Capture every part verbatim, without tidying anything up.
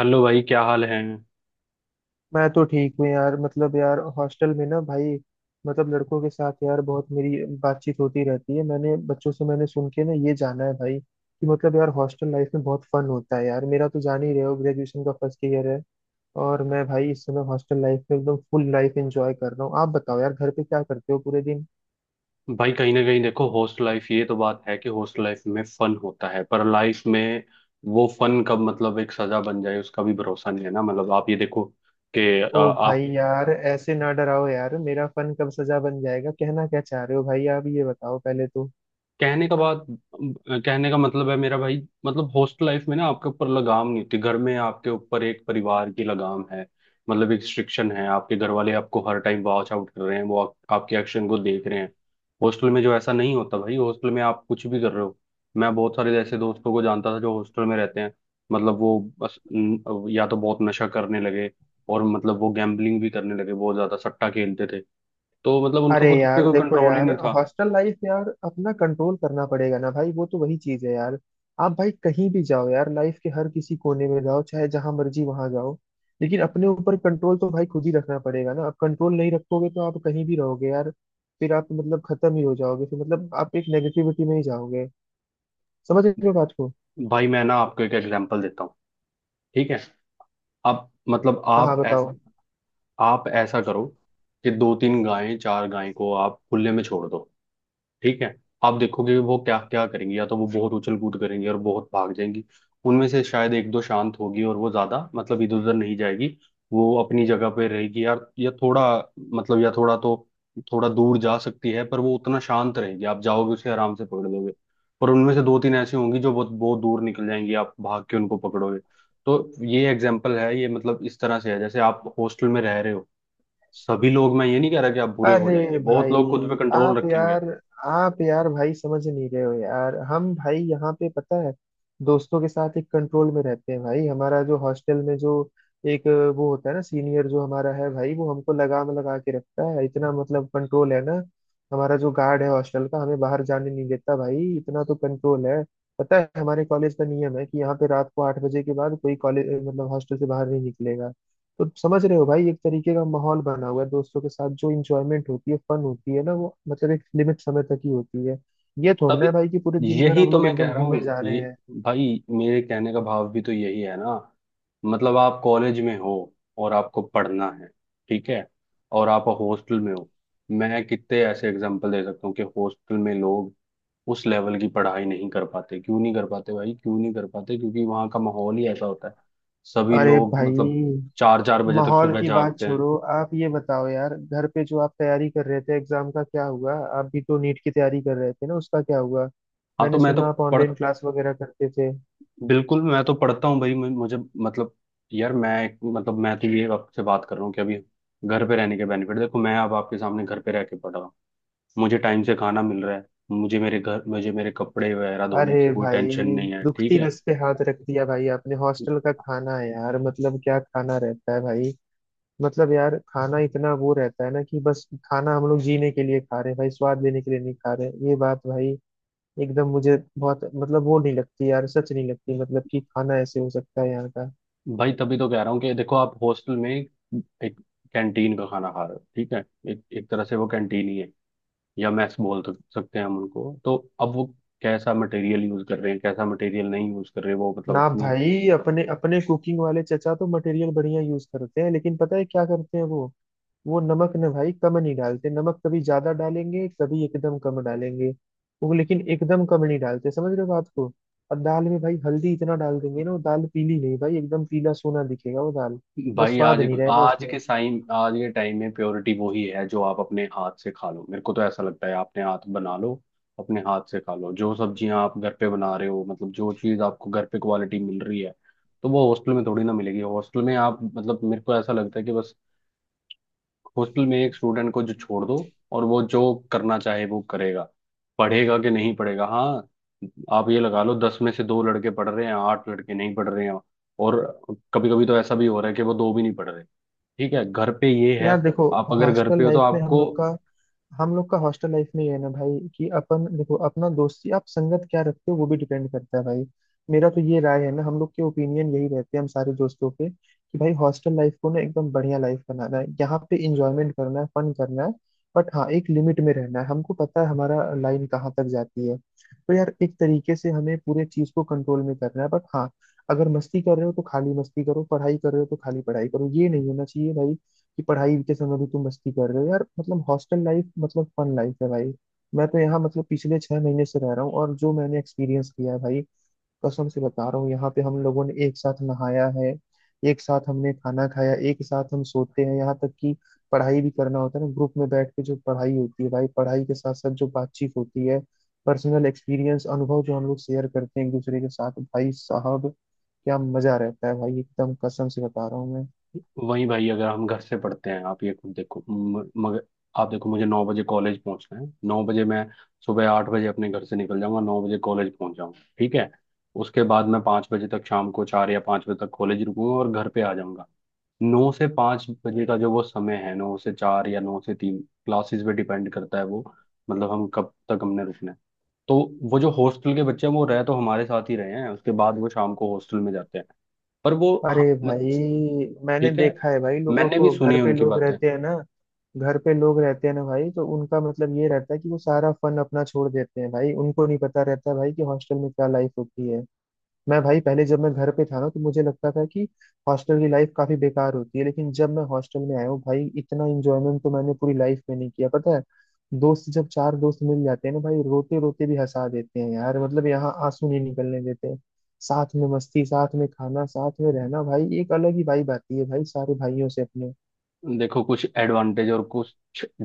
Hello भाई, क्या हाल है। मैं तो ठीक हूँ यार। मतलब यार हॉस्टल में ना भाई, मतलब लड़कों के साथ यार बहुत मेरी बातचीत होती रहती है। मैंने बच्चों से मैंने सुन के ना ये जाना है भाई कि मतलब यार हॉस्टल लाइफ में बहुत फन होता है यार। मेरा तो जान ही रहे हो, ग्रेजुएशन का फर्स्ट ईयर है। और मैं भाई इस समय हॉस्टल लाइफ में एकदम फुल लाइफ एंजॉय कर रहा हूँ। आप बताओ यार घर पे क्या करते हो पूरे दिन? भाई कहीं ना कहीं देखो हॉस्टल लाइफ, ये तो बात है कि हॉस्टल लाइफ में फन होता है, पर लाइफ में वो फन कब मतलब एक सजा बन जाए उसका भी भरोसा नहीं है ना। मतलब आप ये देखो कि अ, ओ भाई आप यार ऐसे ना डराओ यार, मेरा फन कब सजा बन जाएगा? कहना क्या चाह रहे हो भाई? आप ये बताओ पहले तो। कहने का बात, कहने का मतलब है मेरा भाई, मतलब हॉस्टल लाइफ में ना आपके ऊपर लगाम नहीं होती। घर में आपके ऊपर एक परिवार की लगाम है, मतलब एक रिस्ट्रिक्शन है। आपके घर वाले आपको हर टाइम वॉच आउट कर रहे हैं, वो आप, आपके एक्शन को देख रहे हैं। हॉस्टल में जो ऐसा नहीं होता भाई, हॉस्टल में आप कुछ भी कर रहे हो। मैं बहुत सारे ऐसे दोस्तों को जानता था जो हॉस्टल में रहते हैं, मतलब वो बस न- या तो बहुत नशा करने लगे, और मतलब वो गैम्बलिंग भी करने लगे, बहुत ज्यादा सट्टा खेलते थे। तो मतलब उनका अरे खुद पे यार कोई देखो कंट्रोल ही यार, नहीं था। हॉस्टल लाइफ यार अपना कंट्रोल करना पड़ेगा ना भाई, वो तो वही चीज है यार। आप भाई कहीं भी जाओ यार, लाइफ के हर किसी कोने में जाओ, चाहे जहां मर्जी वहां जाओ, लेकिन अपने ऊपर कंट्रोल तो भाई खुद ही रखना पड़ेगा ना। आप कंट्रोल नहीं रखोगे तो आप कहीं भी रहोगे यार, फिर आप मतलब खत्म ही हो जाओगे, फिर मतलब आप एक नेगेटिविटी में ही जाओगे। समझ रहे हो बात को? भाई मैं ना आपको एक एग्जांपल देता हूँ। ठीक है। आप मतलब हाँ हाँ आप ऐस, बताओ। आप ऐसा करो कि दो तीन गायें, चार गायें को आप खुले में छोड़ दो। ठीक है। आप देखोगे कि वो क्या क्या करेंगी। या तो वो बहुत उछल कूद करेंगी और बहुत भाग जाएंगी। उनमें से शायद एक दो शांत होगी, और वो ज्यादा मतलब इधर उधर नहीं जाएगी। वो अपनी जगह पे रहेगी यार, या थोड़ा मतलब या थोड़ा तो थोड़ा दूर जा सकती है, पर वो उतना शांत रहेगी, आप जाओगे उसे आराम से पकड़ लोगे। पर उनमें से दो तीन ऐसी होंगी जो बहुत बहुत दूर निकल जाएंगी, आप भाग के उनको पकड़ोगे। तो ये एग्जाम्पल है, ये मतलब इस तरह से है जैसे आप हॉस्टल में रह रहे हो। सभी लोग, मैं ये नहीं कह रहा कि आप बुरे हो जाएंगे, अरे बहुत लोग खुद पे भाई कंट्रोल आप रखेंगे। यार, आप यार भाई समझ नहीं रहे हो यार। हम भाई यहाँ पे पता है दोस्तों के साथ एक कंट्रोल में रहते हैं भाई। हमारा जो हॉस्टल में जो एक वो होता है ना सीनियर जो हमारा है भाई, वो हमको लगाम लगा के रखता है, इतना मतलब कंट्रोल है ना। हमारा जो गार्ड है हॉस्टल का, हमें बाहर जाने नहीं देता भाई, इतना तो कंट्रोल है। पता है हमारे कॉलेज का नियम है कि यहाँ पे रात को आठ बजे के बाद कोई कॉलेज मतलब हॉस्टल से बाहर नहीं निकलेगा। तो समझ रहे हो भाई, एक तरीके का माहौल बना हुआ है। दोस्तों के साथ जो इंजॉयमेंट होती है फन होती है ना, वो मतलब एक लिमिट समय तक ही होती है। ये थोड़ी ना तभी, है भाई कि पूरे दिन भर यही हम तो लोग मैं कह एकदम रहा घूमे हूँ जा रहे ये। हैं। भाई मेरे कहने का भाव भी तो यही है ना। मतलब आप कॉलेज में हो और आपको पढ़ना है। ठीक है। और आप हॉस्टल में हो। मैं कितने ऐसे एग्जांपल दे सकता हूँ कि हॉस्टल में लोग उस लेवल की पढ़ाई नहीं कर पाते। क्यों नहीं कर पाते भाई, क्यों नहीं कर पाते? क्योंकि वहाँ का माहौल ही ऐसा होता है, सभी अरे लोग मतलब भाई चार चार बजे तक माहौल सुबह की बात जागते हैं। छोड़ो, आप ये बताओ यार घर पे जो आप तैयारी कर रहे थे एग्जाम का क्या हुआ? आप भी तो नीट की तैयारी कर रहे थे ना, उसका क्या हुआ? हाँ तो मैंने मैं तो सुना आप पढ़ ऑनलाइन क्लास वगैरह करते थे। बिल्कुल मैं तो पढ़ता हूँ भाई, मैं- मुझे मतलब, यार मैं मतलब मैं तो ये आपसे बात कर रहा हूँ कि अभी घर पे रहने के बेनिफिट देखो। मैं अब आपके सामने घर पे रह के पढ़ रहा हूँ। मुझे टाइम से खाना मिल रहा है। मुझे मेरे घर, मुझे मेरे कपड़े वगैरह धोने अरे की कोई टेंशन भाई नहीं है। ठीक दुखती है। नस पे हाथ रख दिया भाई आपने। हॉस्टल का खाना है यार, मतलब क्या खाना रहता है भाई। मतलब यार खाना इतना वो रहता है ना कि बस खाना हम लोग जीने के लिए खा रहे हैं भाई, स्वाद लेने के लिए नहीं खा रहे हैं। ये बात भाई एकदम मुझे बहुत मतलब वो नहीं लगती यार, सच नहीं लगती मतलब कि खाना ऐसे हो सकता है यहाँ का। भाई तभी तो कह रहा हूँ कि देखो आप हॉस्टल में एक कैंटीन का खाना खा रहे हो। ठीक है। एक एक तरह से वो कैंटीन ही है, या मैस बोल सक- सकते हैं हम उनको तो। अब वो कैसा मटेरियल यूज कर रहे हैं, कैसा मटेरियल नहीं यूज कर रहे, वो मतलब ना अपनी। भाई अपने अपने कुकिंग वाले चचा तो मटेरियल बढ़िया यूज करते हैं, लेकिन पता है क्या करते हैं वो वो नमक ना भाई कम नहीं डालते, नमक कभी ज्यादा डालेंगे कभी एकदम कम डालेंगे, वो लेकिन एकदम कम नहीं डालते। समझ रहे हो बात को? और दाल में भाई हल्दी इतना डाल देंगे ना, वो दाल पीली नहीं भाई एकदम पीला सोना दिखेगा वो दाल, बस भाई स्वाद आज नहीं रहेगा आज के उसमें। साइम आज के टाइम में प्योरिटी वो ही है जो आप अपने हाथ से खा लो। मेरे को तो ऐसा लगता है आपने हाथ बना लो, अपने हाथ से खा लो। जो सब्जियां आप घर पे बना रहे हो, मतलब जो चीज आपको घर पे क्वालिटी मिल रही है, तो वो हॉस्टल में थोड़ी ना मिलेगी। हॉस्टल में आप मतलब, मेरे को ऐसा लगता है कि बस हॉस्टल में एक स्टूडेंट को जो छोड़ दो, और वो जो करना चाहे वो करेगा। पढ़ेगा कि नहीं पढ़ेगा। हाँ, आप ये लगा लो दस में से दो लड़के पढ़ रहे हैं, आठ लड़के नहीं पढ़ रहे हैं। और कभी कभी तो ऐसा भी हो रहा है कि वो दो भी नहीं पढ़ रहे। ठीक है, घर पे ये है, यार देखो आप अगर घर हॉस्टल पे हो तो लाइफ में हम आपको, लोग का हम लोग का हॉस्टल लाइफ में ये है ना भाई कि अपन देखो अपना दोस्ती आप संगत क्या रखते हो वो भी डिपेंड करता है भाई। मेरा तो ये राय है ना, हम लोग के ओपिनियन यही रहते हैं हम सारे दोस्तों के कि भाई हॉस्टल लाइफ को ना एकदम बढ़िया लाइफ बनाना है, यहाँ पे इंजॉयमेंट करना है फन करना है, बट हाँ एक लिमिट में रहना है। हमको पता है हमारा लाइन कहाँ तक जाती है। तो यार एक तरीके से हमें पूरे चीज को कंट्रोल में करना है, बट हाँ अगर मस्ती कर रहे हो तो खाली मस्ती करो, पढ़ाई कर रहे हो तो खाली पढ़ाई करो। ये नहीं होना चाहिए भाई कि पढ़ाई के समय भी तुम मस्ती कर रहे हो यार, मतलब हॉस्टल लाइफ मतलब फन लाइफ है भाई। मैं तो यहाँ मतलब पिछले छह महीने से रह रहा हूँ और जो मैंने एक्सपीरियंस किया है भाई, कसम से बता रहा हूँ, यहाँ पे हम लोगों ने एक साथ नहाया है, एक साथ हमने खाना खाया, एक साथ हम सोते हैं, यहाँ तक कि पढ़ाई भी करना होता है ना ग्रुप में बैठ के, जो पढ़ाई होती है भाई, पढ़ाई के साथ साथ जो बातचीत होती है, पर्सनल एक्सपीरियंस अनुभव जो हम लोग शेयर करते हैं एक दूसरे के साथ भाई साहब, क्या मजा रहता है भाई, एकदम कसम से बता रहा हूँ मैं। वही भाई अगर हम घर से पढ़ते हैं। आप ये खुद देखो, म- मगर आप देखो, मुझे नौ बजे कॉलेज पहुंचना है। नौ बजे मैं, सुबह आठ बजे अपने घर से निकल जाऊंगा, नौ बजे कॉलेज पहुंच जाऊंगा। ठीक है। उसके बाद मैं पाँच बजे तक, शाम को चार या पाँच बजे तक कॉलेज रुकूंगा और घर पे आ जाऊंगा। नौ से पाँच बजे का जो वो समय है, नौ से चार या नौ से तीन, क्लासेस पे डिपेंड करता है वो, मतलब हम कब तक हमने रुकना है। तो वो जो हॉस्टल के बच्चे हैं, वो रह तो हमारे साथ ही रहे हैं, उसके बाद वो शाम को हॉस्टल में जाते हैं। पर वो अरे हाँ, म- भाई मैंने ठीक है, देखा है भाई लोगों मैंने भी को, सुनी घर है पे उनकी लोग बातें। रहते हैं ना घर पे लोग रहते हैं ना भाई, तो उनका मतलब ये रहता है कि वो सारा फन अपना छोड़ देते हैं भाई। उनको नहीं पता रहता भाई कि हॉस्टल में क्या लाइफ होती है। मैं भाई पहले जब मैं घर पे था ना तो मुझे लगता था कि हॉस्टल की लाइफ काफी बेकार होती है, लेकिन जब मैं हॉस्टल में आया हूँ भाई, इतना एंजॉयमेंट तो मैंने पूरी लाइफ में नहीं किया। पता है, दोस्त जब चार दोस्त मिल जाते हैं ना भाई, रोते रोते भी हंसा देते हैं यार, मतलब यहाँ आंसू नहीं निकलने देते। साथ में मस्ती, साथ में खाना, साथ में रहना भाई, एक अलग ही वाइब आती है भाई सारे भाइयों से अपने। देखो कुछ एडवांटेज और कुछ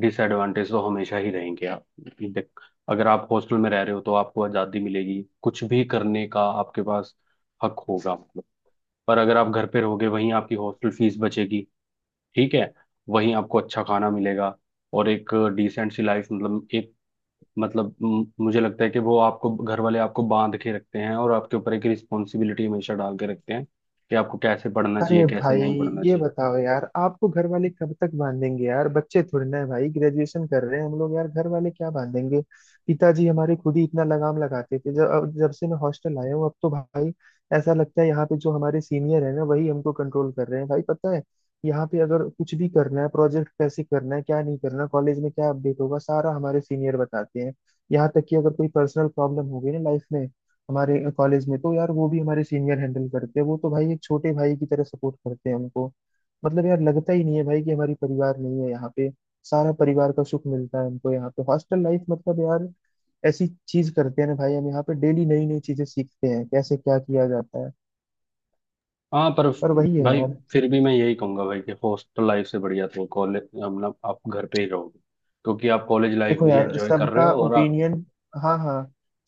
डिसएडवांटेज तो हमेशा ही रहेंगे। आप देख अगर आप हॉस्टल में रह रहे हो तो आपको आज़ादी मिलेगी, कुछ भी करने का आपके पास हक होगा, मतलब। पर अगर आप घर पे रहोगे, वहीं आपकी हॉस्टल फीस बचेगी। ठीक है। वहीं आपको अच्छा खाना मिलेगा, और एक डिसेंट सी लाइफ, मतलब एक मतलब, म- मुझे लगता है कि वो, आपको घर वाले आपको बांध के रखते हैं, और आपके ऊपर एक रिस्पॉन्सिबिलिटी हमेशा डाल के रखते हैं कि आपको कैसे पढ़ना अरे चाहिए, कैसे भाई नहीं पढ़ना ये चाहिए। बताओ यार आपको घर वाले कब तक बांधेंगे यार? बच्चे थोड़े ना है भाई, ग्रेजुएशन कर रहे हैं हम लोग यार, घर वाले क्या बांधेंगे। पिताजी हमारे खुद ही इतना लगाम लगाते थे, जब अब जब से मैं हॉस्टल आया हूँ अब तो भाई ऐसा लगता है यहाँ पे जो हमारे सीनियर है ना वही हमको कंट्रोल कर रहे हैं भाई। पता है यहाँ पे अगर कुछ भी करना है, प्रोजेक्ट कैसे करना है, क्या नहीं करना, कॉलेज में क्या अपडेट होगा, सारा हमारे सीनियर बताते हैं। यहाँ तक कि अगर कोई पर्सनल प्रॉब्लम हो गई ना लाइफ में, हमारे कॉलेज में तो यार वो भी हमारे सीनियर हैंडल करते हैं। वो तो भाई एक छोटे भाई की तरह सपोर्ट करते हैं हमको। मतलब यार लगता ही नहीं है भाई कि हमारी परिवार नहीं है यहाँ पे, सारा परिवार का सुख मिलता है हमको यहाँ पे। हॉस्टल लाइफ मतलब यार ऐसी चीज करते हैं ना भाई हम यहाँ पे, डेली नई नई चीजें सीखते हैं कैसे क्या किया जाता है। हाँ पर पर वही है भाई, यार। फिर भी मैं यही कहूंगा भाई कि हॉस्टल लाइफ से बढ़िया तो कॉलेज, मतलब आप घर पे ही रहोगे क्योंकि आप कॉलेज लाइफ देखो भी यार एंजॉय कर रहे सबका हो और आप, ओपिनियन, हाँ हाँ,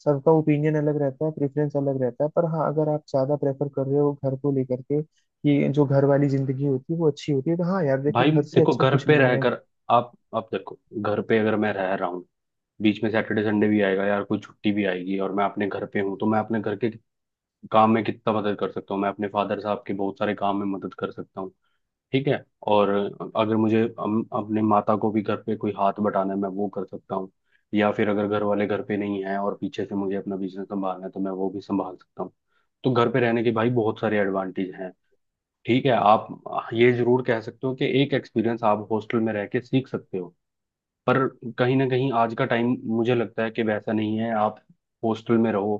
सबका ओपिनियन अलग रहता है, प्रेफरेंस अलग रहता है, पर हाँ अगर आप ज्यादा प्रेफर कर रहे हो घर को लेकर के कि जो घर वाली जिंदगी होती है वो अच्छी होती है, तो हाँ यार देखो भाई घर से देखो अच्छा घर कुछ पे नहीं है। रहकर, आप आप देखो, घर पे अगर मैं रह रहा हूँ, बीच में सैटरडे संडे भी आएगा यार, कोई छुट्टी भी आएगी और मैं अपने घर पे हूँ, तो मैं अपने घर के काम में कितना मदद कर सकता हूँ। मैं अपने फादर साहब के बहुत सारे काम में मदद कर सकता हूँ। ठीक है। और अगर मुझे अम- अपने माता को भी घर पे कोई हाथ बटाना है, मैं वो कर सकता हूँ। या फिर अगर घर वाले घर पे नहीं है और पीछे से मुझे अपना बिजनेस संभालना है, तो मैं वो भी संभाल सकता हूँ। तो घर पे रहने के भाई बहुत सारे एडवांटेज हैं। ठीक है। आप ये जरूर कह सकते हो कि एक एक्सपीरियंस आप हॉस्टल में रह के सीख सकते हो। पर कहीं ना कहीं आज का टाइम, मुझे लगता है कि वैसा नहीं है। आप हॉस्टल में रहो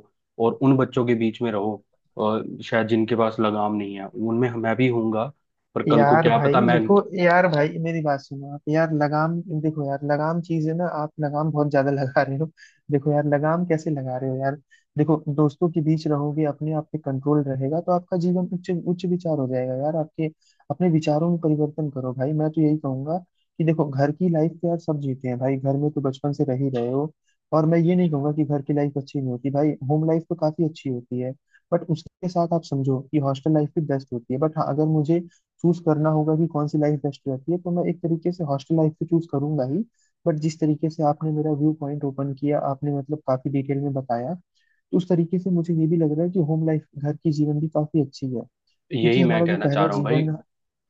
और उन बच्चों के बीच में रहो, और शायद जिनके पास लगाम नहीं है उनमें मैं भी हूँगा। पर कल को यार क्या पता भाई मैं, देखो यार भाई, मेरी बात सुनो आप यार। लगाम देखो यार, लगाम चीज है ना, आप लगाम बहुत ज्यादा लगा रहे हो। देखो यार लगाम कैसे लगा रहे हो यार। देखो दोस्तों के बीच रहोगे, अपने आप पे कंट्रोल रहेगा तो आपका जीवन उच्च उच्च विचार हो जाएगा यार आपके, अपने विचारों में परिवर्तन करो भाई। मैं तो यही कहूंगा कि देखो घर की लाइफ तो यार सब जीते हैं भाई, घर में तो बचपन से रह ही रहे हो। और मैं ये नहीं कहूंगा कि घर की लाइफ अच्छी नहीं होती भाई, होम लाइफ तो काफी अच्छी होती है, बट उसके साथ आप समझो कि हॉस्टल लाइफ भी बेस्ट होती है। बट हाँ अगर मुझे चूज करना होगा कि कौन सी लाइफ बेस्ट रहती है तो मैं एक तरीके से हॉस्टल लाइफ तो चूज करूंगा ही। बट जिस तरीके से आपने मेरा व्यू पॉइंट ओपन किया, आपने मतलब काफी डिटेल में बताया, तो उस तरीके से मुझे ये भी लग रहा है कि होम लाइफ घर की जीवन भी काफी अच्छी है, क्योंकि यही मैं हमारा जो कहना चाह पहला रहा हूँ भाई। जीवन।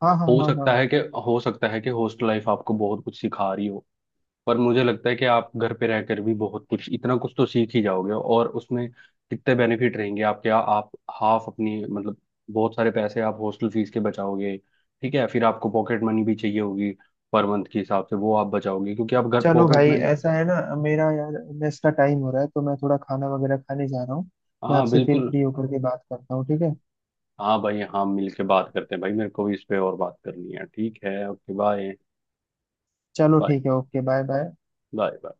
हाँ हाँ हो हाँ सकता हाँ। है कि हो सकता है कि हॉस्टल लाइफ आपको बहुत कुछ सिखा रही हो, पर मुझे लगता है कि आप घर पे रहकर भी बहुत कुछ, इतना कुछ तो सीख ही जाओगे, और उसमें कितने बेनिफिट रहेंगे आपके। आ, आप हाफ अपनी मतलब, बहुत सारे पैसे आप हॉस्टल फीस के बचाओगे। ठीक है। फिर आपको पॉकेट मनी भी चाहिए होगी, पर मंथ के हिसाब से वो आप बचाओगे, क्योंकि आप घर चलो पॉकेट भाई मनी, ऐसा है ना, मेरा यार मेस का टाइम हो रहा है तो मैं थोड़ा खाना वगैरह खाने जा रहा हूँ। मैं हाँ आपसे फिर बिल्कुल। फ्री होकर के बात करता हूँ, ठीक है। हाँ भाई, हाँ मिल के बात करते हैं भाई, मेरे को भी इस पे और बात करनी है। ठीक है, ओके बाय। चलो बाय। ठीक है, ओके बाय बाय। बाय।